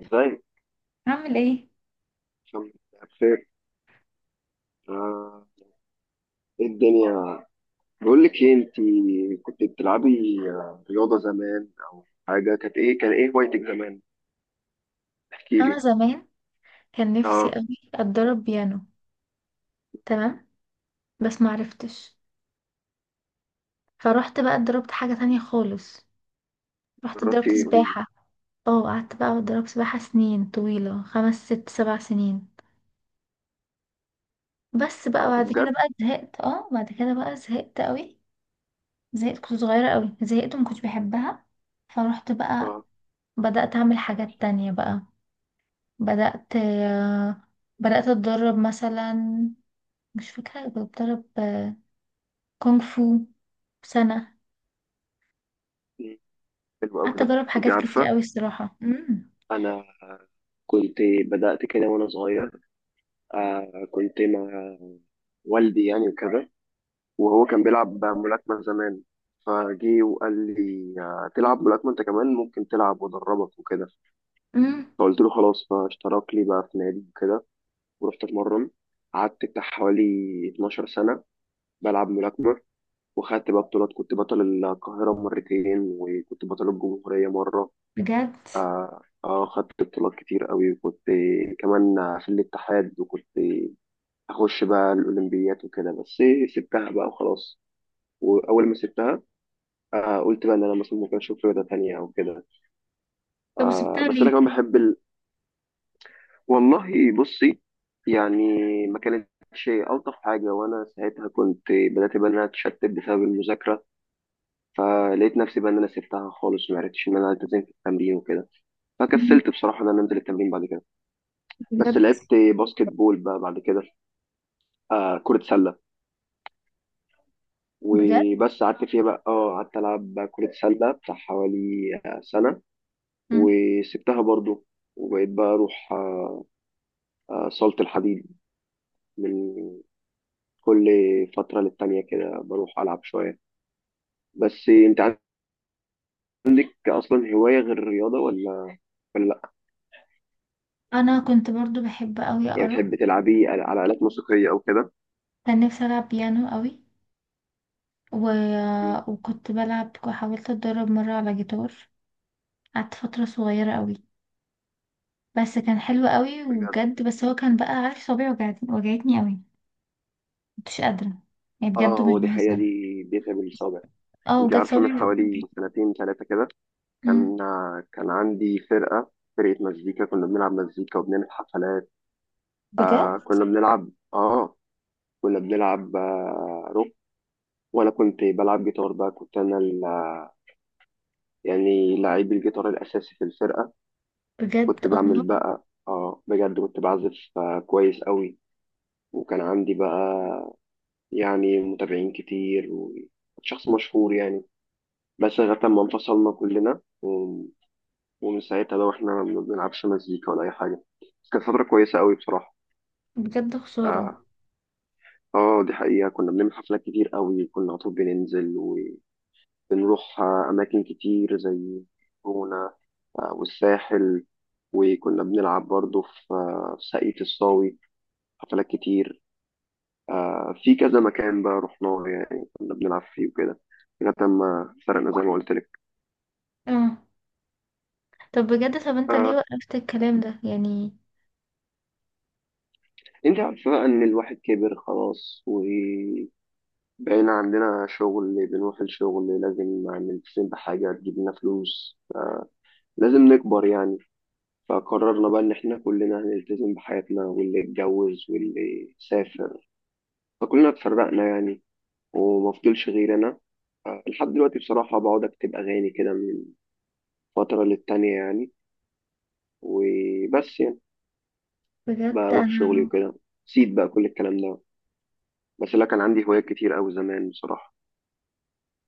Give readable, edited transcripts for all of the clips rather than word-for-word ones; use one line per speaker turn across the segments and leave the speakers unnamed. ازاي؟
اعمل ايه.
الحمد لله، بخير. آه، ايه الدنيا؟ بقول لك ايه، انت كنت بتلعبي رياضه زمان او حاجه، كانت ايه، كان ايه هوايتك زمان؟ احكي
انا
لي.
زمان كان نفسي
اه،
قوي اتدرب بيانو. تمام. بس معرفتش. فروحت بقى اتدربت حاجة تانية خالص. رحت
جربتي
اتدربت
ايه؟ قولي لي.
سباحة. اه، قعدت بقى اتدرب سباحة سنين طويلة، خمس ست سبع سنين. بس بقى
اه،
بعد كده
بجد.
بقى زهقت، اه بعد كده بقى زهقت قوي. زهقت، كنت صغيرة قوي، زهقت وما كنتش بحبها. فروحت بقى
اه.
بدأت اعمل حاجات تانية بقى. بدأت آه، بدأت اتدرب مثلا، مش فاكرة بتدرب كونغ فو سنة.
مم، حلو قوي
قعدت
ده،
أجرب
انت
حاجات كتير
عارفه.
قوي الصراحة.
انا كنت، بدات كده وانا صغير. كنت مع والدي يعني وكده، وهو كان بيلعب ملاكمه زمان. فجي وقال لي، تلعب ملاكمه انت كمان، ممكن تلعب وادربك وكده.
امم
فقلت له خلاص، فاشترك لي بقى في نادي وكده، ورحت اتمرن. قعدت بتاع حوالي 12 سنة بلعب ملاكمة، وخدت بقى بطولات. كنت بطل القاهرة مرتين وكنت بطل الجمهورية مرة.
بجد.
خدت بطولات كتير قوي، وكنت كمان في الاتحاد، وكنت أخش بقى الأولمبيات وكده. بس سبتها بقى وخلاص. وأول ما سبتها، قلت بقى إن أنا مثلا ممكن أشوف رياضة تانية أو كده.
طب وسبتها
بس
ليه؟
أنا كمان بحب. والله بصي، يعني ما كانتش ألطف حاجة، وأنا ساعتها كنت بدأت بقى إن أنا أتشتت بسبب المذاكرة. فلقيت نفسي بقى إن أنا سبتها خالص، ما عرفتش إن أنا ألتزم في التمرين وكده.
امم
فكسلت بصراحة إن أنا أنزل التمرين بعد كده. بس
بجد.
لعبت باسكت بول بقى بعد كده، كرة سلة.
بجد
وبس قعدت فيها بقى، قعدت ألعب بقى كرة سلة بتاع حوالي سنة.
امم
وسبتها برضو، وبقيت بقى أروح صالة الحديد من كل فترة للتانية كده، بروح ألعب شوية. بس أنت عندك أصلا هواية غير الرياضة، ولا لأ؟
أنا كنت برضو بحب قوي
يعني
أقرأ.
بتحبي تلعبي على آلات موسيقية أو كده؟
كان نفسي ألعب بيانو قوي و...
مم،
وكنت بلعب وحاولت أتدرب مرة على جيتار. قعدت فترة صغيرة قوي، بس كان حلو قوي
بجد.
وبجد، بس هو كان بقى عارف صوابعي وجعتني قوي. مكنتش قادرة، يعني بجد مش
هو دي حقيقة،
بهزر.
دي بيتها بالصابع.
اه
أنت
بجد
عارفة، من
صوابعي
حوالي
وجعتني.
سنتين ثلاثة كده،
أمم.
كان كان عندي فرقة، فرقة مزيكا. كنا بنلعب مزيكا وبنعمل حفلات.
بجد.
آه كنا بنلعب آه كنا بنلعب روك. وأنا كنت بلعب جيتار بقى، كنت أنا يعني لعيب الجيتار الأساسي في الفرقة.
بجد
كنت
الله.
بعمل بقى، بجد كنت بعزف كويس قوي. وكان عندي بقى يعني متابعين كتير، وشخص مشهور يعني. بس لغاية ما انفصلنا كلنا ومن ساعتها بقى واحنا ما بنلعبش مزيكا ولا أي حاجة. بس كانت فترة كويسة قوي بصراحة.
بجد خسارة.
اه. دي حقيقة، كنا بنعمل حفلات كتير قوي، كنا على طول بننزل. وبنروح أماكن كتير زي جونة، والساحل. وكنا بنلعب برضه في ساقية الصاوي حفلات كتير. في كذا مكان بقى رحناه، يعني كنا بنلعب فيه وكده، لغاية ما فرقنا زي ما قلت لك.
اه. طب بجد، طب انت ليه
آه
وقفت الكلام ده يعني؟
انت عارفة بقى ان الواحد كبر خلاص، وبقينا عندنا شغل بنروح الشغل، لازم نلتزم بحاجة تجيب لنا فلوس. لازم نكبر يعني. فقررنا بقى ان احنا كلنا هنلتزم بحياتنا، واللي اتجوز واللي سافر، فكلنا اتفرقنا يعني. ومفضلش غير انا. لحد دلوقتي بصراحة بقعد اكتب اغاني كده من فترة للتانية يعني، وبس يعني
بجد
بروح شغلي
انا،
وكده. سيب بقى كل الكلام ده، بس لا، كان عندي هوايات كتير قوي زمان بصراحة.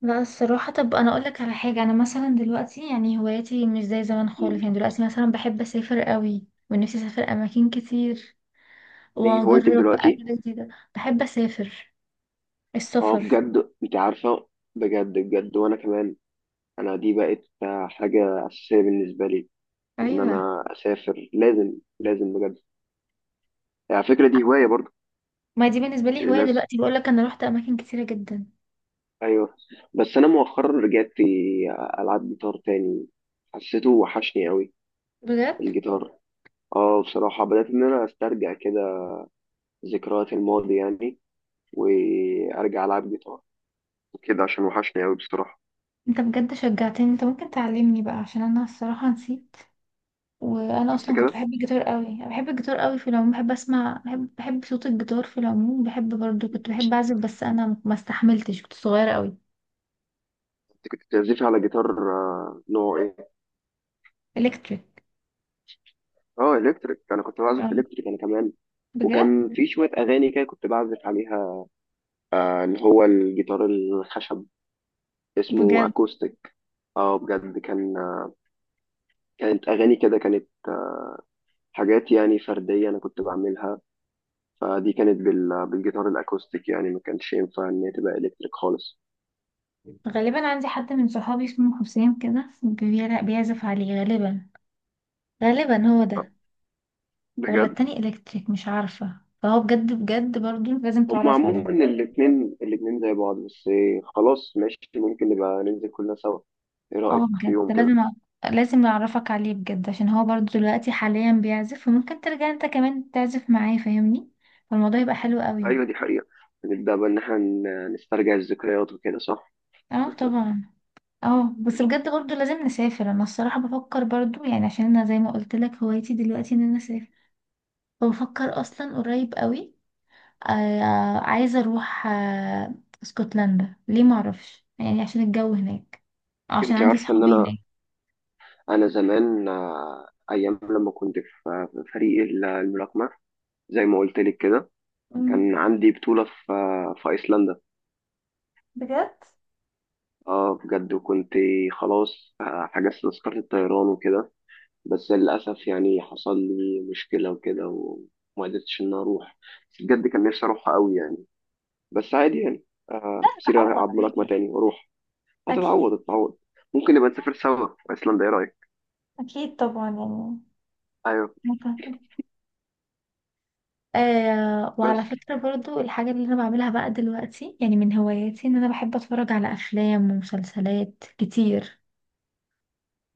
لا الصراحة، طب انا اقولك على حاجة، انا مثلا دلوقتي يعني هواياتي مش زي زمان
مم.
خالص. يعني دلوقتي مثلا بحب اسافر قوي ونفسي اسافر اماكن كتير
دي هوايتك
واجرب
دلوقتي؟
اكل جديدة. بحب اسافر،
اه،
السفر.
بجد؟ انت عارفة، بجد بجد، وانا كمان. انا دي بقت حاجة اساسية بالنسبة لي، ان
ايوه،
انا اسافر. لازم، لازم بجد. على فكرة دي هواية برضو.
ما دي بالنسبة لي هواية
الناس،
دلوقتي. بقولك انا روحت اماكن كتيرة جدا.
ايوه. بس انا مؤخرا رجعت العب جيتار تاني، حسيته وحشني قوي
بجد،
الجيتار. اه، بصراحة بدأت ان انا استرجع كده ذكريات الماضي يعني، وارجع العب جيتار كده عشان وحشني قوي بصراحه.
انت بجد شجعتني، انت ممكن تعلمني بقى عشان انا الصراحة نسيت. وانا
بس
اصلا كنت
كده،
بحب الجيتار قوي، أنا بحب الجيتار قوي في العموم، بحب اسمع، بحب صوت الجيتار في العموم، بحب برضو كنت بحب اعزف، بس انا ما استحملتش كنت صغيره قوي.
انت كنت بتعزفي على جيتار نوع ايه؟
الكتريك.
اه الكتريك، انا كنت
آه،
بعزف الكتريك انا كمان.
بجد.
وكان في شويه اغاني كده كنت بعزف عليها، اللي هو الجيتار الخشب اسمه
بجد.
اكوستيك. اه بجد، كانت اغاني كده، كانت حاجات يعني فرديه انا كنت بعملها. فدي كانت بالجيتار الاكوستيك، يعني ما كانش ينفع ان هي تبقى الكتريك خالص.
غالبا عندي حد من صحابي اسمه حسين كده بيعزف عليه غالبا، غالبا هو
آه،
ده، ولا
بجد.
التاني الكتريك مش عارفه. فهو بجد، بجد برضو لازم
هما
تعرف عليه.
عموما الاتنين زي بعض. بس إيه، خلاص ماشي، ممكن نبقى ننزل كلنا سوا. ايه
اه
رأيك في
بجد
يوم
لازم
كده؟
لازم اعرفك عليه بجد، عشان هو برضو دلوقتي حاليا بيعزف وممكن ترجع انت كمان تعزف معاه، فاهمني؟ فالموضوع يبقى حلو قوي.
ايوه دي حقيقة، نبدأ بقى ان احنا نسترجع الذكريات وكده، صح؟
اه طبعا. اه، بس بجد برضو لازم نسافر. انا الصراحة بفكر برضو يعني، عشان انا زي ما قلت لك هوايتي دلوقتي ان انا اسافر. فبفكر اصلا قريب قوي، آه عايزة اروح اسكتلندا. ليه معرفش، يعني عشان الجو هناك، عشان
انت
عندي
عارفة ان
صحابي
انا،
هناك.
انا زمان ايام لما كنت في فريق الملاكمة، زي ما قلت لك كده.
أمم.
كان عندي بطولة في ايسلندا.
بجد.
اه بجد، وكنت خلاص، حجزت تذكرة الطيران وكده. بس للأسف يعني، حصل لي مشكلة وكده، وما قدرتش إن أروح. بس بجد كان نفسي أروحها أوي يعني. بس عادي يعني،
لا
كتير
هتعوض
ألعب ملاكمة
عادي.
تاني وأروح.
اكيد.
هتتعوض، هتتعوض. ممكن نبقى نسافر سوا في أيسلندا، إيه رأيك؟
أكيد طبعا يعني.
أيوه.
متعبة. آه، وعلى
بس
فكرة برضو الحاجة اللي أنا بعملها بقى دلوقتي يعني من هواياتي، إن أنا بحب أتفرج على أفلام ومسلسلات كتير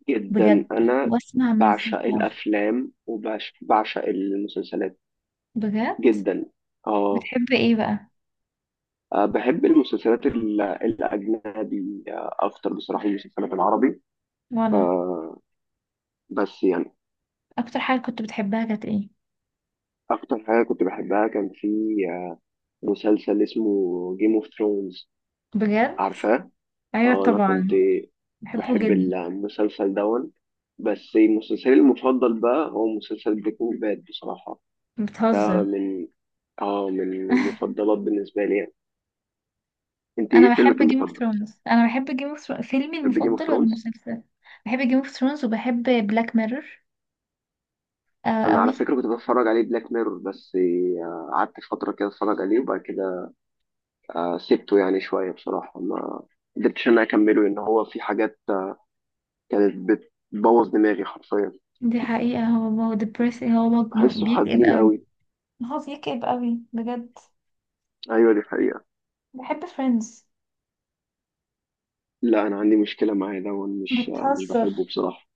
جدا،
بجد،
أنا
وأسمع
بعشق
مزيكا.
الأفلام وبعشق المسلسلات
بجد؟
جدا. آه
بتحب إيه بقى؟
بحب المسلسلات الأجنبي، أكتر بصراحة من المسلسلات العربي. ف-
وأنا،
بس يعني.
أكتر حاجة كنت بتحبها كانت إيه؟
أكتر حاجة كنت بحبها كان في مسلسل اسمه جيم اوف ثرونز،
بجد؟
عارفاه؟
أيوة
اه، انا كنت
طبعا، بحبه
بحب
جدا.
المسلسل دون. بس مسلسلي المفضل بقى هو مسلسل بريكنج باد بصراحة. ده
بتهزر.
من، اه من المفضلات بالنسبة لي يعني. انت
أنا
ايه
بحب
فيلمك
جيم اوف
المفضل؟
ثرونز، أنا بحب جيم اوف ثرونز. فيلمي
بتحب جيم اوف
المفضل ولا
ثرونز؟
المسلسل؟ بحب جيم اوف ثرونز وبحب بلاك ميرور آه
انا على
قوي.
فكرة كنت بتفرج عليه بلاك ميرور، بس قعدت فترة كده اتفرج عليه، وبعد كده سبته يعني شوية بصراحة. ما قدرتش ان انا اكمله، لان هو في حاجات كانت بتبوظ دماغي حرفيا.
دي حقيقة، هو هو depressing،
بحسه
بيكئب
حزين
قوي.
قوي.
هو بيكئب قوي بجد.
ايوه دي حقيقة.
بحب فريندز.
لا، انا عندي مشكلة معاه ده، وأنا مش
بتهزر.
بحبه بصراحة.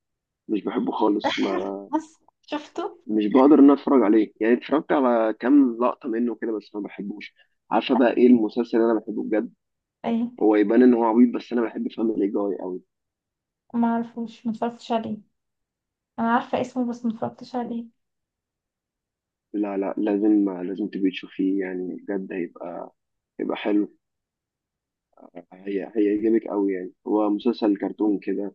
مش بحبه خالص، ما،
بس شفته.
مش بقدر ان أنا اتفرج عليه. يعني اتفرجت على كام لقطة منه كده، بس ما بحبوش. عارفة
لا.
بقى ايه المسلسل اللي انا بحبه بجد؟
ايه؟
هو يبان ان هو عبيط، بس انا بحب فاميلي جاي قوي.
ما اعرفوش، ما اتفرجتش عليه. انا عارفه اسمه بس ما اتفرجتش عليه.
لا لا، لازم تبقي تشوفيه يعني، بجد هيبقى حلو. هيعجبك قوي يعني، هو مسلسل كرتون كده.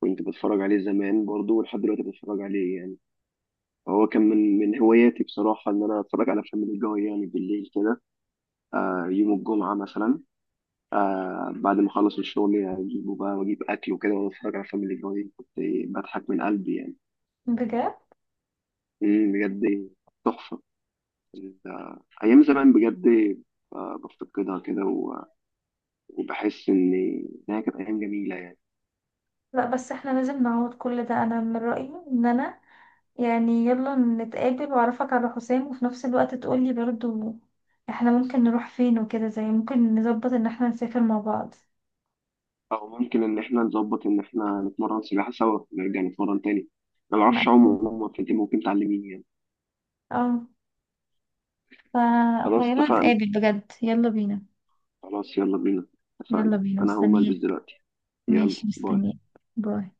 كنت بتفرج عليه زمان برضه، ولحد دلوقتي بتفرج عليه يعني. هو كان من هواياتي بصراحة، ان انا اتفرج على فاميلي جاي يعني بالليل كده. يوم الجمعة مثلا، بعد ما أخلص الشغل يعني أجيبه بقى وأجيب أكل وكده، وأنا بتفرج على فاميلي جاي كنت بضحك من قلبي يعني.
بجد.
مم، بجد. تحفة ال- أيام زمان بجد. بفتقدها كده وبحس إنها كانت أيام جميلة يعني.
لا بس احنا لازم نعوض كل ده. انا من رايي ان انا يعني يلا نتقابل واعرفك على حسام، وفي نفس الوقت تقولي برضو احنا ممكن نروح فين وكده، زي ممكن نظبط ان احنا نسافر مع بعض.
أو ممكن إن إحنا نظبط إن إحنا نتمرن سباحة سوا، نرجع نتمرن تاني. أنا
ما
معرفش أعوم
أكيد.
عموما، فأنت ممكن تعلميني يعني.
اه.
خلاص
فخيرنا
اتفقنا.
نتقابل بجد، يلا بينا.
خلاص يلا بينا. اتفقنا.
يلا بينا
أنا هقوم ألبس
مستنياك.
دلوقتي. يلا،
ماشي
باي.
مستنياك. باي.